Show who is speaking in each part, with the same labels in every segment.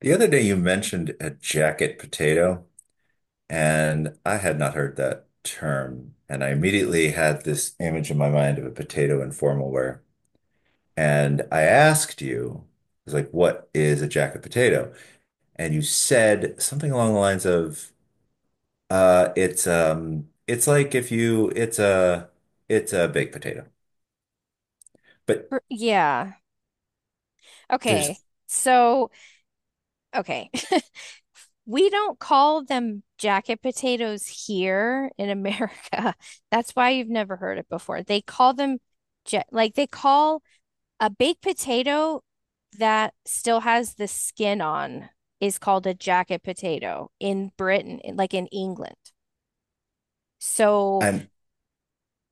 Speaker 1: The other day you mentioned a jacket potato, and I had not heard that term. And I immediately had this image in my mind of a potato in formal wear. And I asked you, I was like, what is a jacket potato? And you said something along the lines of, it's like if you it's a baked potato. But
Speaker 2: Yeah. Okay.
Speaker 1: there's
Speaker 2: So, okay. We don't call them jacket potatoes here in America. That's why you've never heard it before. They call them ja like they call a baked potato that still has the skin on is called a jacket potato in Britain, like in England. So,
Speaker 1: and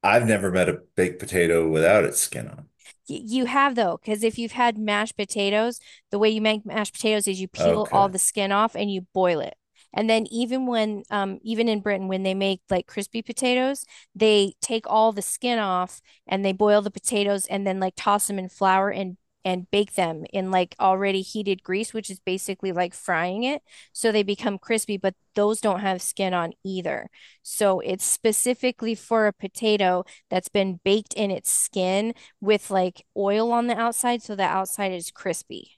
Speaker 1: I've never met a baked potato without its skin on.
Speaker 2: you have though, because if you've had mashed potatoes, the way you make mashed potatoes is you peel all
Speaker 1: Okay.
Speaker 2: the skin off and you boil it. And then even in Britain, when they make like crispy potatoes, they take all the skin off and they boil the potatoes and then like toss them in flour and bake them in like already heated grease, which is basically like frying it. So they become crispy, but those don't have skin on either. So it's specifically for a potato that's been baked in its skin with like oil on the outside so the outside is crispy.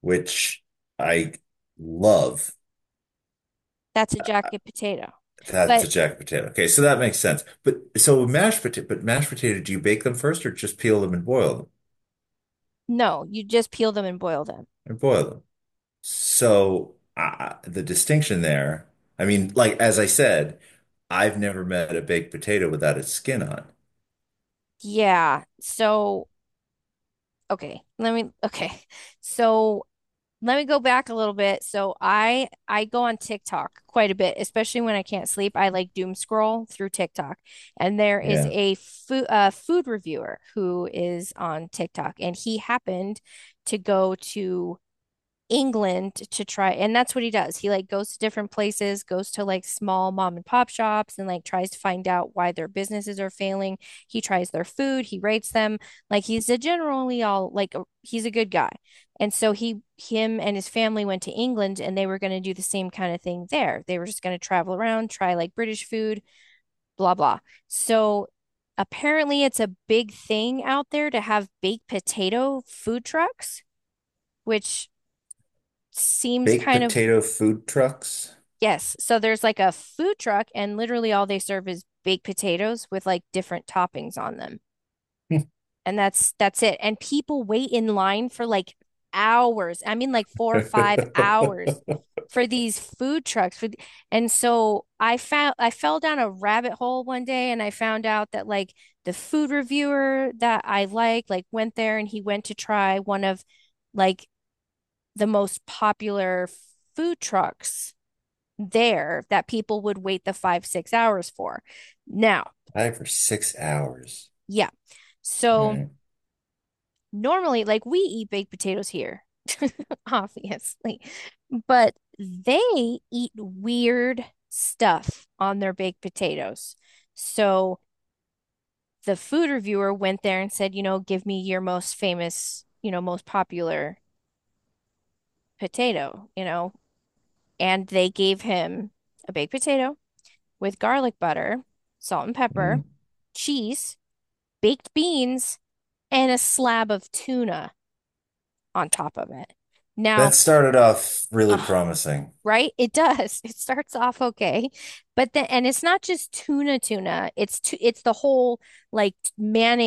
Speaker 1: Which I love.
Speaker 2: That's a jacket potato.
Speaker 1: That's
Speaker 2: But
Speaker 1: a jack potato. Okay, so that makes sense. But mashed potato, do you bake them first or just peel them and boil them
Speaker 2: no, you just peel them and boil them.
Speaker 1: and boil them? So the distinction there, I mean, like as I said, I've never met a baked potato without its skin on.
Speaker 2: Yeah. So, okay. Let me okay. So, let me go back a little bit. So, I go on TikTok quite a bit, especially when I can't sleep. I like doom scroll through TikTok. And there is
Speaker 1: Yeah.
Speaker 2: a food reviewer who is on TikTok and he happened to go to England to try, and that's what he does. He like goes to different places, goes to like small mom and pop shops and like tries to find out why their businesses are failing. He tries their food, he rates them. Like, he's a generally all like a, he's a good guy. And so he him and his family went to England and they were going to do the same kind of thing there. They were just going to travel around, try like British food, blah blah. So apparently it's a big thing out there to have baked potato food trucks, which seems
Speaker 1: Baked
Speaker 2: kind of,
Speaker 1: potato food trucks.
Speaker 2: yes. So there's like a food truck and literally all they serve is baked potatoes with like different toppings on them. And that's it. And people wait in line for like hours. I mean like 4 or 5
Speaker 1: I
Speaker 2: hours for these food trucks. And so I fell down a rabbit hole one day and I found out that like the food reviewer that I like went there, and he went to try one of like the most popular food trucks there that people would wait the 5, 6 hours for. Now,
Speaker 1: for 6 hours.
Speaker 2: yeah.
Speaker 1: All
Speaker 2: So
Speaker 1: right.
Speaker 2: normally, like, we eat baked potatoes here, obviously, but they eat weird stuff on their baked potatoes. So the food reviewer went there and said, you know, give me your most famous, you know, most popular potato, you know, and they gave him a baked potato with garlic butter, salt and pepper,
Speaker 1: Mm.
Speaker 2: cheese, baked beans and a slab of tuna on top of it.
Speaker 1: That
Speaker 2: Now,
Speaker 1: started off really
Speaker 2: uh,
Speaker 1: promising.
Speaker 2: right? It does. It starts off okay, but then, and it's not just tuna tuna. It's the whole like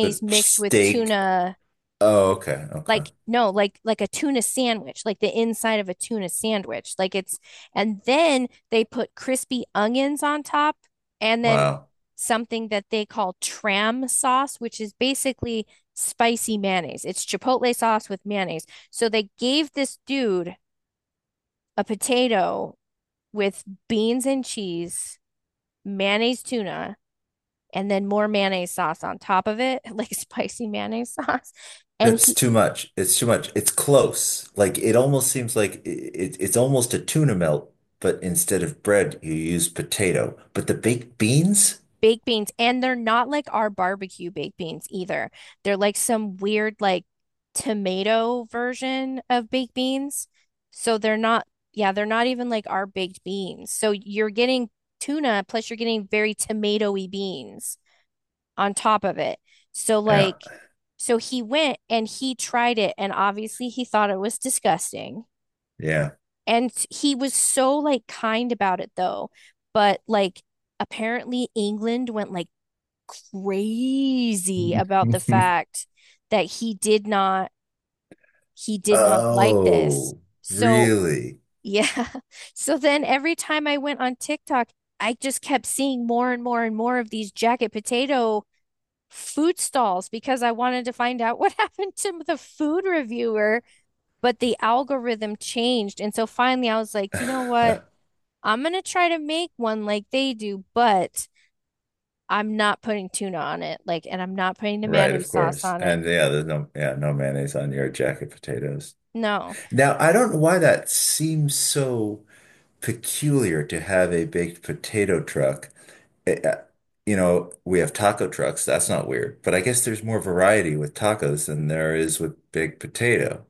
Speaker 1: The
Speaker 2: mixed with
Speaker 1: steak.
Speaker 2: tuna,
Speaker 1: Oh, okay. Okay.
Speaker 2: like no, like a tuna sandwich, like the inside of a tuna sandwich, like it's, and then they put crispy onions on top and then
Speaker 1: Wow.
Speaker 2: something that they call tram sauce which is basically spicy mayonnaise. It's chipotle sauce with mayonnaise. So they gave this dude a potato with beans and cheese, mayonnaise, tuna, and then more mayonnaise sauce on top of it, like spicy mayonnaise sauce. And
Speaker 1: That's
Speaker 2: he,
Speaker 1: too much. It's too much. It's close. Like it almost seems like it, it's almost a tuna melt, but instead of bread, you use potato. But the baked beans?
Speaker 2: baked beans, and they're not like our barbecue baked beans either. They're like some weird, like tomato version of baked beans. So they're not, yeah, they're not even like our baked beans. So you're getting tuna, plus you're getting very tomatoey beans on top of it. So,
Speaker 1: Yeah,
Speaker 2: like, so he went and he tried it, and obviously he thought it was disgusting.
Speaker 1: yeah.
Speaker 2: And he was so like kind about it though. But like apparently England went like crazy about the fact that he did not like this.
Speaker 1: Oh,
Speaker 2: So,
Speaker 1: really?
Speaker 2: yeah. So then every time I went on TikTok, I just kept seeing more and more and more of these jacket potato food stalls because I wanted to find out what happened to the food reviewer, but the algorithm changed. And so finally I was like, you know what? I'm going to try to make one like they do, but I'm not putting tuna on it. Like, and I'm not putting the
Speaker 1: Right,
Speaker 2: mayonnaise
Speaker 1: of
Speaker 2: sauce
Speaker 1: course.
Speaker 2: on it.
Speaker 1: And yeah, there's no yeah, no mayonnaise on your jacket potatoes.
Speaker 2: No.
Speaker 1: Now, I don't know why that seems so peculiar to have a baked potato truck. it, uh, you know, we have taco trucks. That's not weird. But I guess there's more variety with tacos than there is with big potato.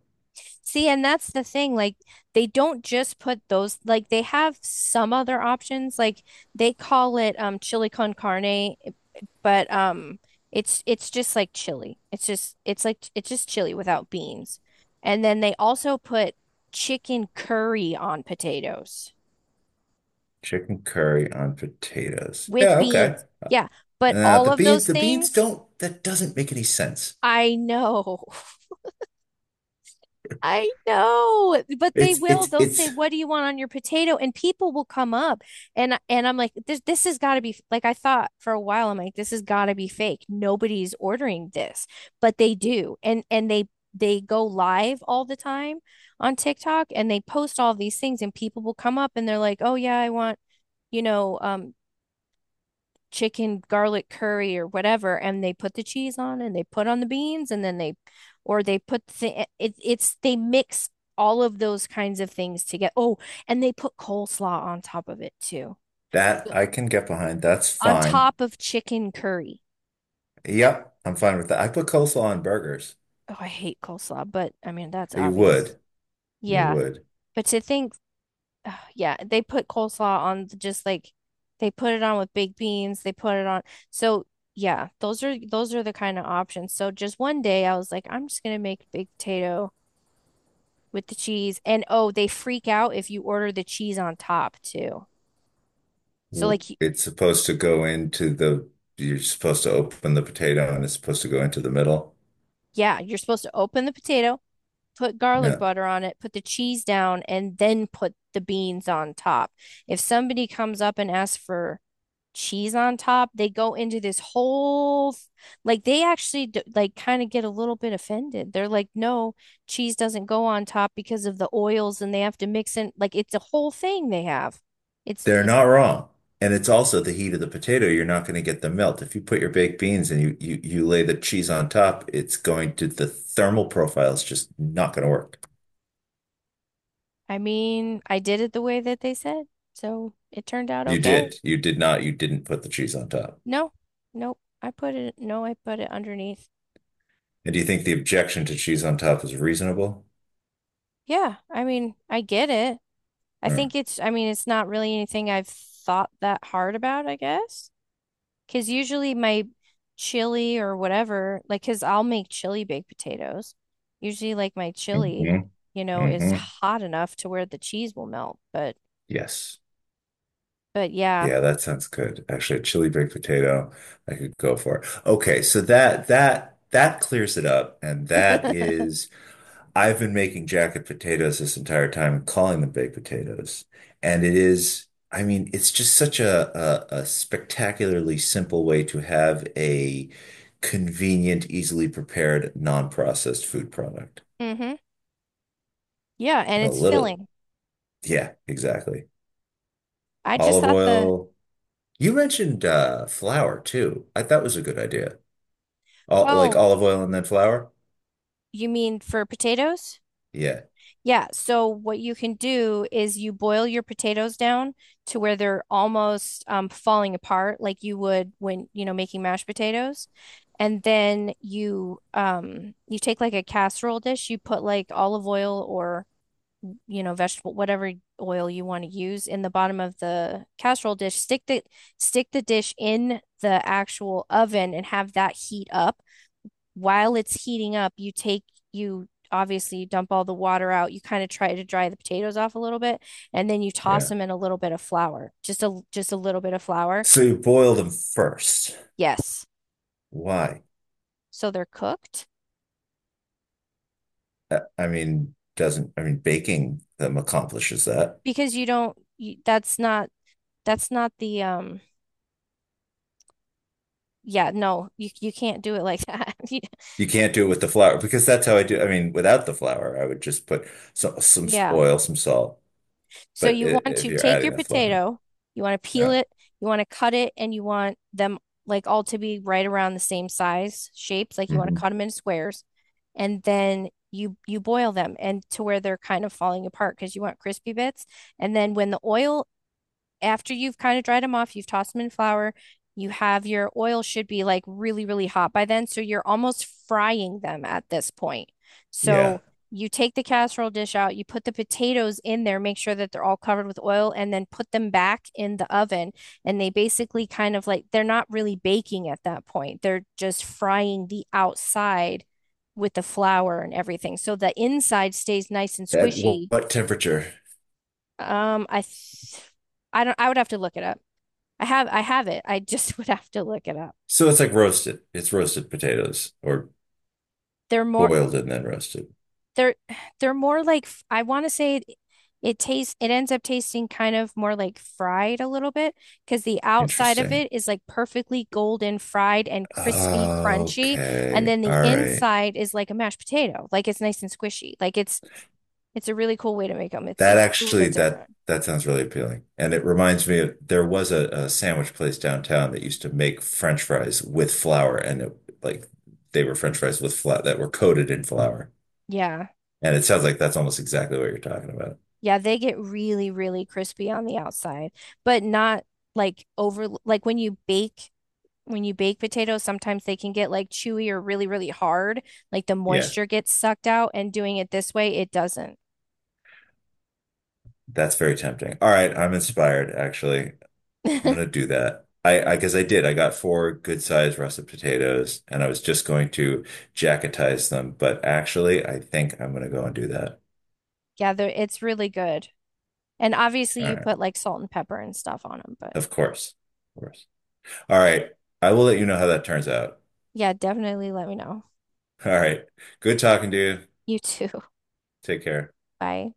Speaker 2: See, and that's the thing. Like, they don't just put those, like, they have some other options. Like, they call it chili con carne, but it's just like chili. It's just it's just chili without beans. And then they also put chicken curry on potatoes
Speaker 1: Chicken curry on potatoes.
Speaker 2: with
Speaker 1: Yeah, okay.
Speaker 2: beans. Yeah, but all
Speaker 1: The
Speaker 2: of
Speaker 1: beans,
Speaker 2: those
Speaker 1: the beans
Speaker 2: things,
Speaker 1: don't, that doesn't make any sense.
Speaker 2: I know. I know, but they
Speaker 1: It's,
Speaker 2: will.
Speaker 1: it's,
Speaker 2: They'll say,
Speaker 1: it's,
Speaker 2: "What do you want on your potato?" And people will come up, and I'm like, "This has got to be f-" like I thought for a while. I'm like, "This has got to be fake. Nobody's ordering this," but they do, and they go live all the time on TikTok, and they post all these things, and people will come up, and they're like, "Oh yeah, I want, you know um chicken garlic curry or whatever," and they put the cheese on and they put on the beans and then they, or they put the, it, it's, they mix all of those kinds of things together. Oh, and they put coleslaw on top of it too.
Speaker 1: That I can get behind. That's
Speaker 2: On
Speaker 1: fine.
Speaker 2: top of chicken curry.
Speaker 1: Yep, I'm fine with that. I put coleslaw on burgers.
Speaker 2: Oh, I hate coleslaw, but I mean, that's
Speaker 1: You
Speaker 2: obvious.
Speaker 1: would. You
Speaker 2: Yeah.
Speaker 1: would.
Speaker 2: But to think, oh, yeah, they put coleslaw on just like they put it on with baked beans, they put it on. So yeah, those are the kind of options. So just one day I was like, I'm just gonna make baked potato with the cheese. And oh, they freak out if you order the cheese on top too. So
Speaker 1: It's supposed to go into you're supposed to open the potato and it's supposed to go into the middle.
Speaker 2: yeah, you're supposed to open the potato, put garlic
Speaker 1: Yeah.
Speaker 2: butter on it, put the cheese down, and then put the beans on top. If somebody comes up and asks for cheese on top, they go into this whole like they actually like kind of get a little bit offended. They're like, "No, cheese doesn't go on top because of the oils and they have to mix in, like it's a whole thing they have."
Speaker 1: They're
Speaker 2: It's
Speaker 1: not wrong. And it's also the heat of the potato. You're not going to get the melt. If you put your baked beans and you lay the cheese on top, it's going to, the thermal profile is just not going to work.
Speaker 2: I mean, I did it the way that they said. So, it turned out
Speaker 1: You
Speaker 2: okay.
Speaker 1: did. You did not. You didn't put the cheese on top.
Speaker 2: No. Nope. I put it no, I put it underneath.
Speaker 1: And do you think the objection to cheese on top is reasonable?
Speaker 2: Yeah, I mean, I get it. I
Speaker 1: Mm.
Speaker 2: think it's not really anything I've thought that hard about, I guess. Because usually my chili or whatever, like, because I'll make chili baked potatoes. Usually, like, my chili,
Speaker 1: Hmm.
Speaker 2: you know, is
Speaker 1: Hmm.
Speaker 2: hot enough to where the cheese will melt. But,
Speaker 1: Yes.
Speaker 2: yeah.
Speaker 1: Yeah, that sounds good. Actually, a chili baked potato, I could go for. Okay, so that clears it up, and that is I've been making jacket potatoes this entire time and calling them baked potatoes. And it is, I mean, it's just such a spectacularly simple way to have a convenient, easily prepared, non-processed food product.
Speaker 2: Hmm. Yeah. And
Speaker 1: A
Speaker 2: it's
Speaker 1: little,
Speaker 2: filling.
Speaker 1: yeah, exactly.
Speaker 2: I just
Speaker 1: Olive
Speaker 2: thought the,
Speaker 1: oil. You mentioned flour too. I thought was a good idea. All, like
Speaker 2: oh,
Speaker 1: olive oil and then flour?
Speaker 2: you mean for potatoes?
Speaker 1: Yeah,
Speaker 2: Yeah, so what you can do is you boil your potatoes down to where they're almost falling apart, like you would when, you know, making mashed potatoes. And then you take like a casserole dish, you put like olive oil or, you know, vegetable whatever oil you want to use in the bottom of the casserole dish. Stick the dish in the actual oven and have that heat up. While it's heating up, you take you obviously you dump all the water out. You kind of try to dry the potatoes off a little bit, and then you toss
Speaker 1: yeah.
Speaker 2: them in a little bit of flour, just a little bit of flour.
Speaker 1: So you boil them first.
Speaker 2: Yes,
Speaker 1: Why?
Speaker 2: so they're cooked,
Speaker 1: I mean, doesn't, I mean, baking them accomplishes that.
Speaker 2: because you don't. You, that's not, that's not the. Yeah, no, you can't do it like that.
Speaker 1: You can't do it with the flour because that's how I do. I mean, without the flour, I would just put some,
Speaker 2: Yeah.
Speaker 1: oil, some salt.
Speaker 2: So
Speaker 1: But
Speaker 2: you want
Speaker 1: if
Speaker 2: to
Speaker 1: you're
Speaker 2: take
Speaker 1: adding
Speaker 2: your
Speaker 1: the flour,
Speaker 2: potato, you want to peel
Speaker 1: yeah,
Speaker 2: it, you want to cut it, and you want them like all to be right around the same size shapes. Like you want to
Speaker 1: hmm
Speaker 2: cut them in squares, and then you boil them and to where they're kind of falling apart because you want crispy bits. And then when the oil, after you've kind of dried them off, you've tossed them in flour, your oil should be like really, really hot by then. So you're almost frying them at this point.
Speaker 1: yeah.
Speaker 2: So you take the casserole dish out, you put the potatoes in there, make sure that they're all covered with oil, and then put them back in the oven. And they basically kind of, like, they're not really baking at that point, they're just frying the outside with the flour and everything. So the inside stays nice and
Speaker 1: At
Speaker 2: squishy.
Speaker 1: what temperature?
Speaker 2: Um, I th- I don't, I would have to look it up. I have it. I just would have to look it up.
Speaker 1: So it's like roasted. It's roasted potatoes or
Speaker 2: They're more
Speaker 1: boiled and then roasted.
Speaker 2: they're they're more like I want to say it, it tastes it ends up tasting kind of more like fried a little bit because the outside of it
Speaker 1: Interesting.
Speaker 2: is like perfectly golden fried and crispy crunchy, and
Speaker 1: Okay.
Speaker 2: then the
Speaker 1: All right.
Speaker 2: inside is like a mashed potato. Like it's nice and squishy. Like it's a really cool way to make them. It's
Speaker 1: That
Speaker 2: it's a little
Speaker 1: actually
Speaker 2: bit
Speaker 1: that
Speaker 2: different.
Speaker 1: that sounds really appealing. And it reminds me of there was a sandwich place downtown that used to make French fries with flour and it, like they were French fries with flour that were coated in flour.
Speaker 2: Yeah.
Speaker 1: And it sounds like that's almost exactly what you're talking about.
Speaker 2: Yeah, they get really really crispy on the outside, but not like over, like when you bake potatoes, sometimes they can get like chewy or really, really hard. Like the
Speaker 1: Yeah,
Speaker 2: moisture gets sucked out, and doing it this way, it doesn't.
Speaker 1: that's very tempting. All right, I'm inspired actually. I'm gonna do that. I guess I did. I got four good sized russet potatoes and I was just going to jacketize them, but actually I think I'm gonna go and do that.
Speaker 2: Yeah, it's really good. And obviously,
Speaker 1: All
Speaker 2: you
Speaker 1: right.
Speaker 2: put like salt and pepper and stuff on them. But
Speaker 1: Of course. Of course. All right. I will let you know how that turns out.
Speaker 2: yeah, definitely let me know.
Speaker 1: All right. Good talking to you.
Speaker 2: You too.
Speaker 1: Take care.
Speaker 2: Bye.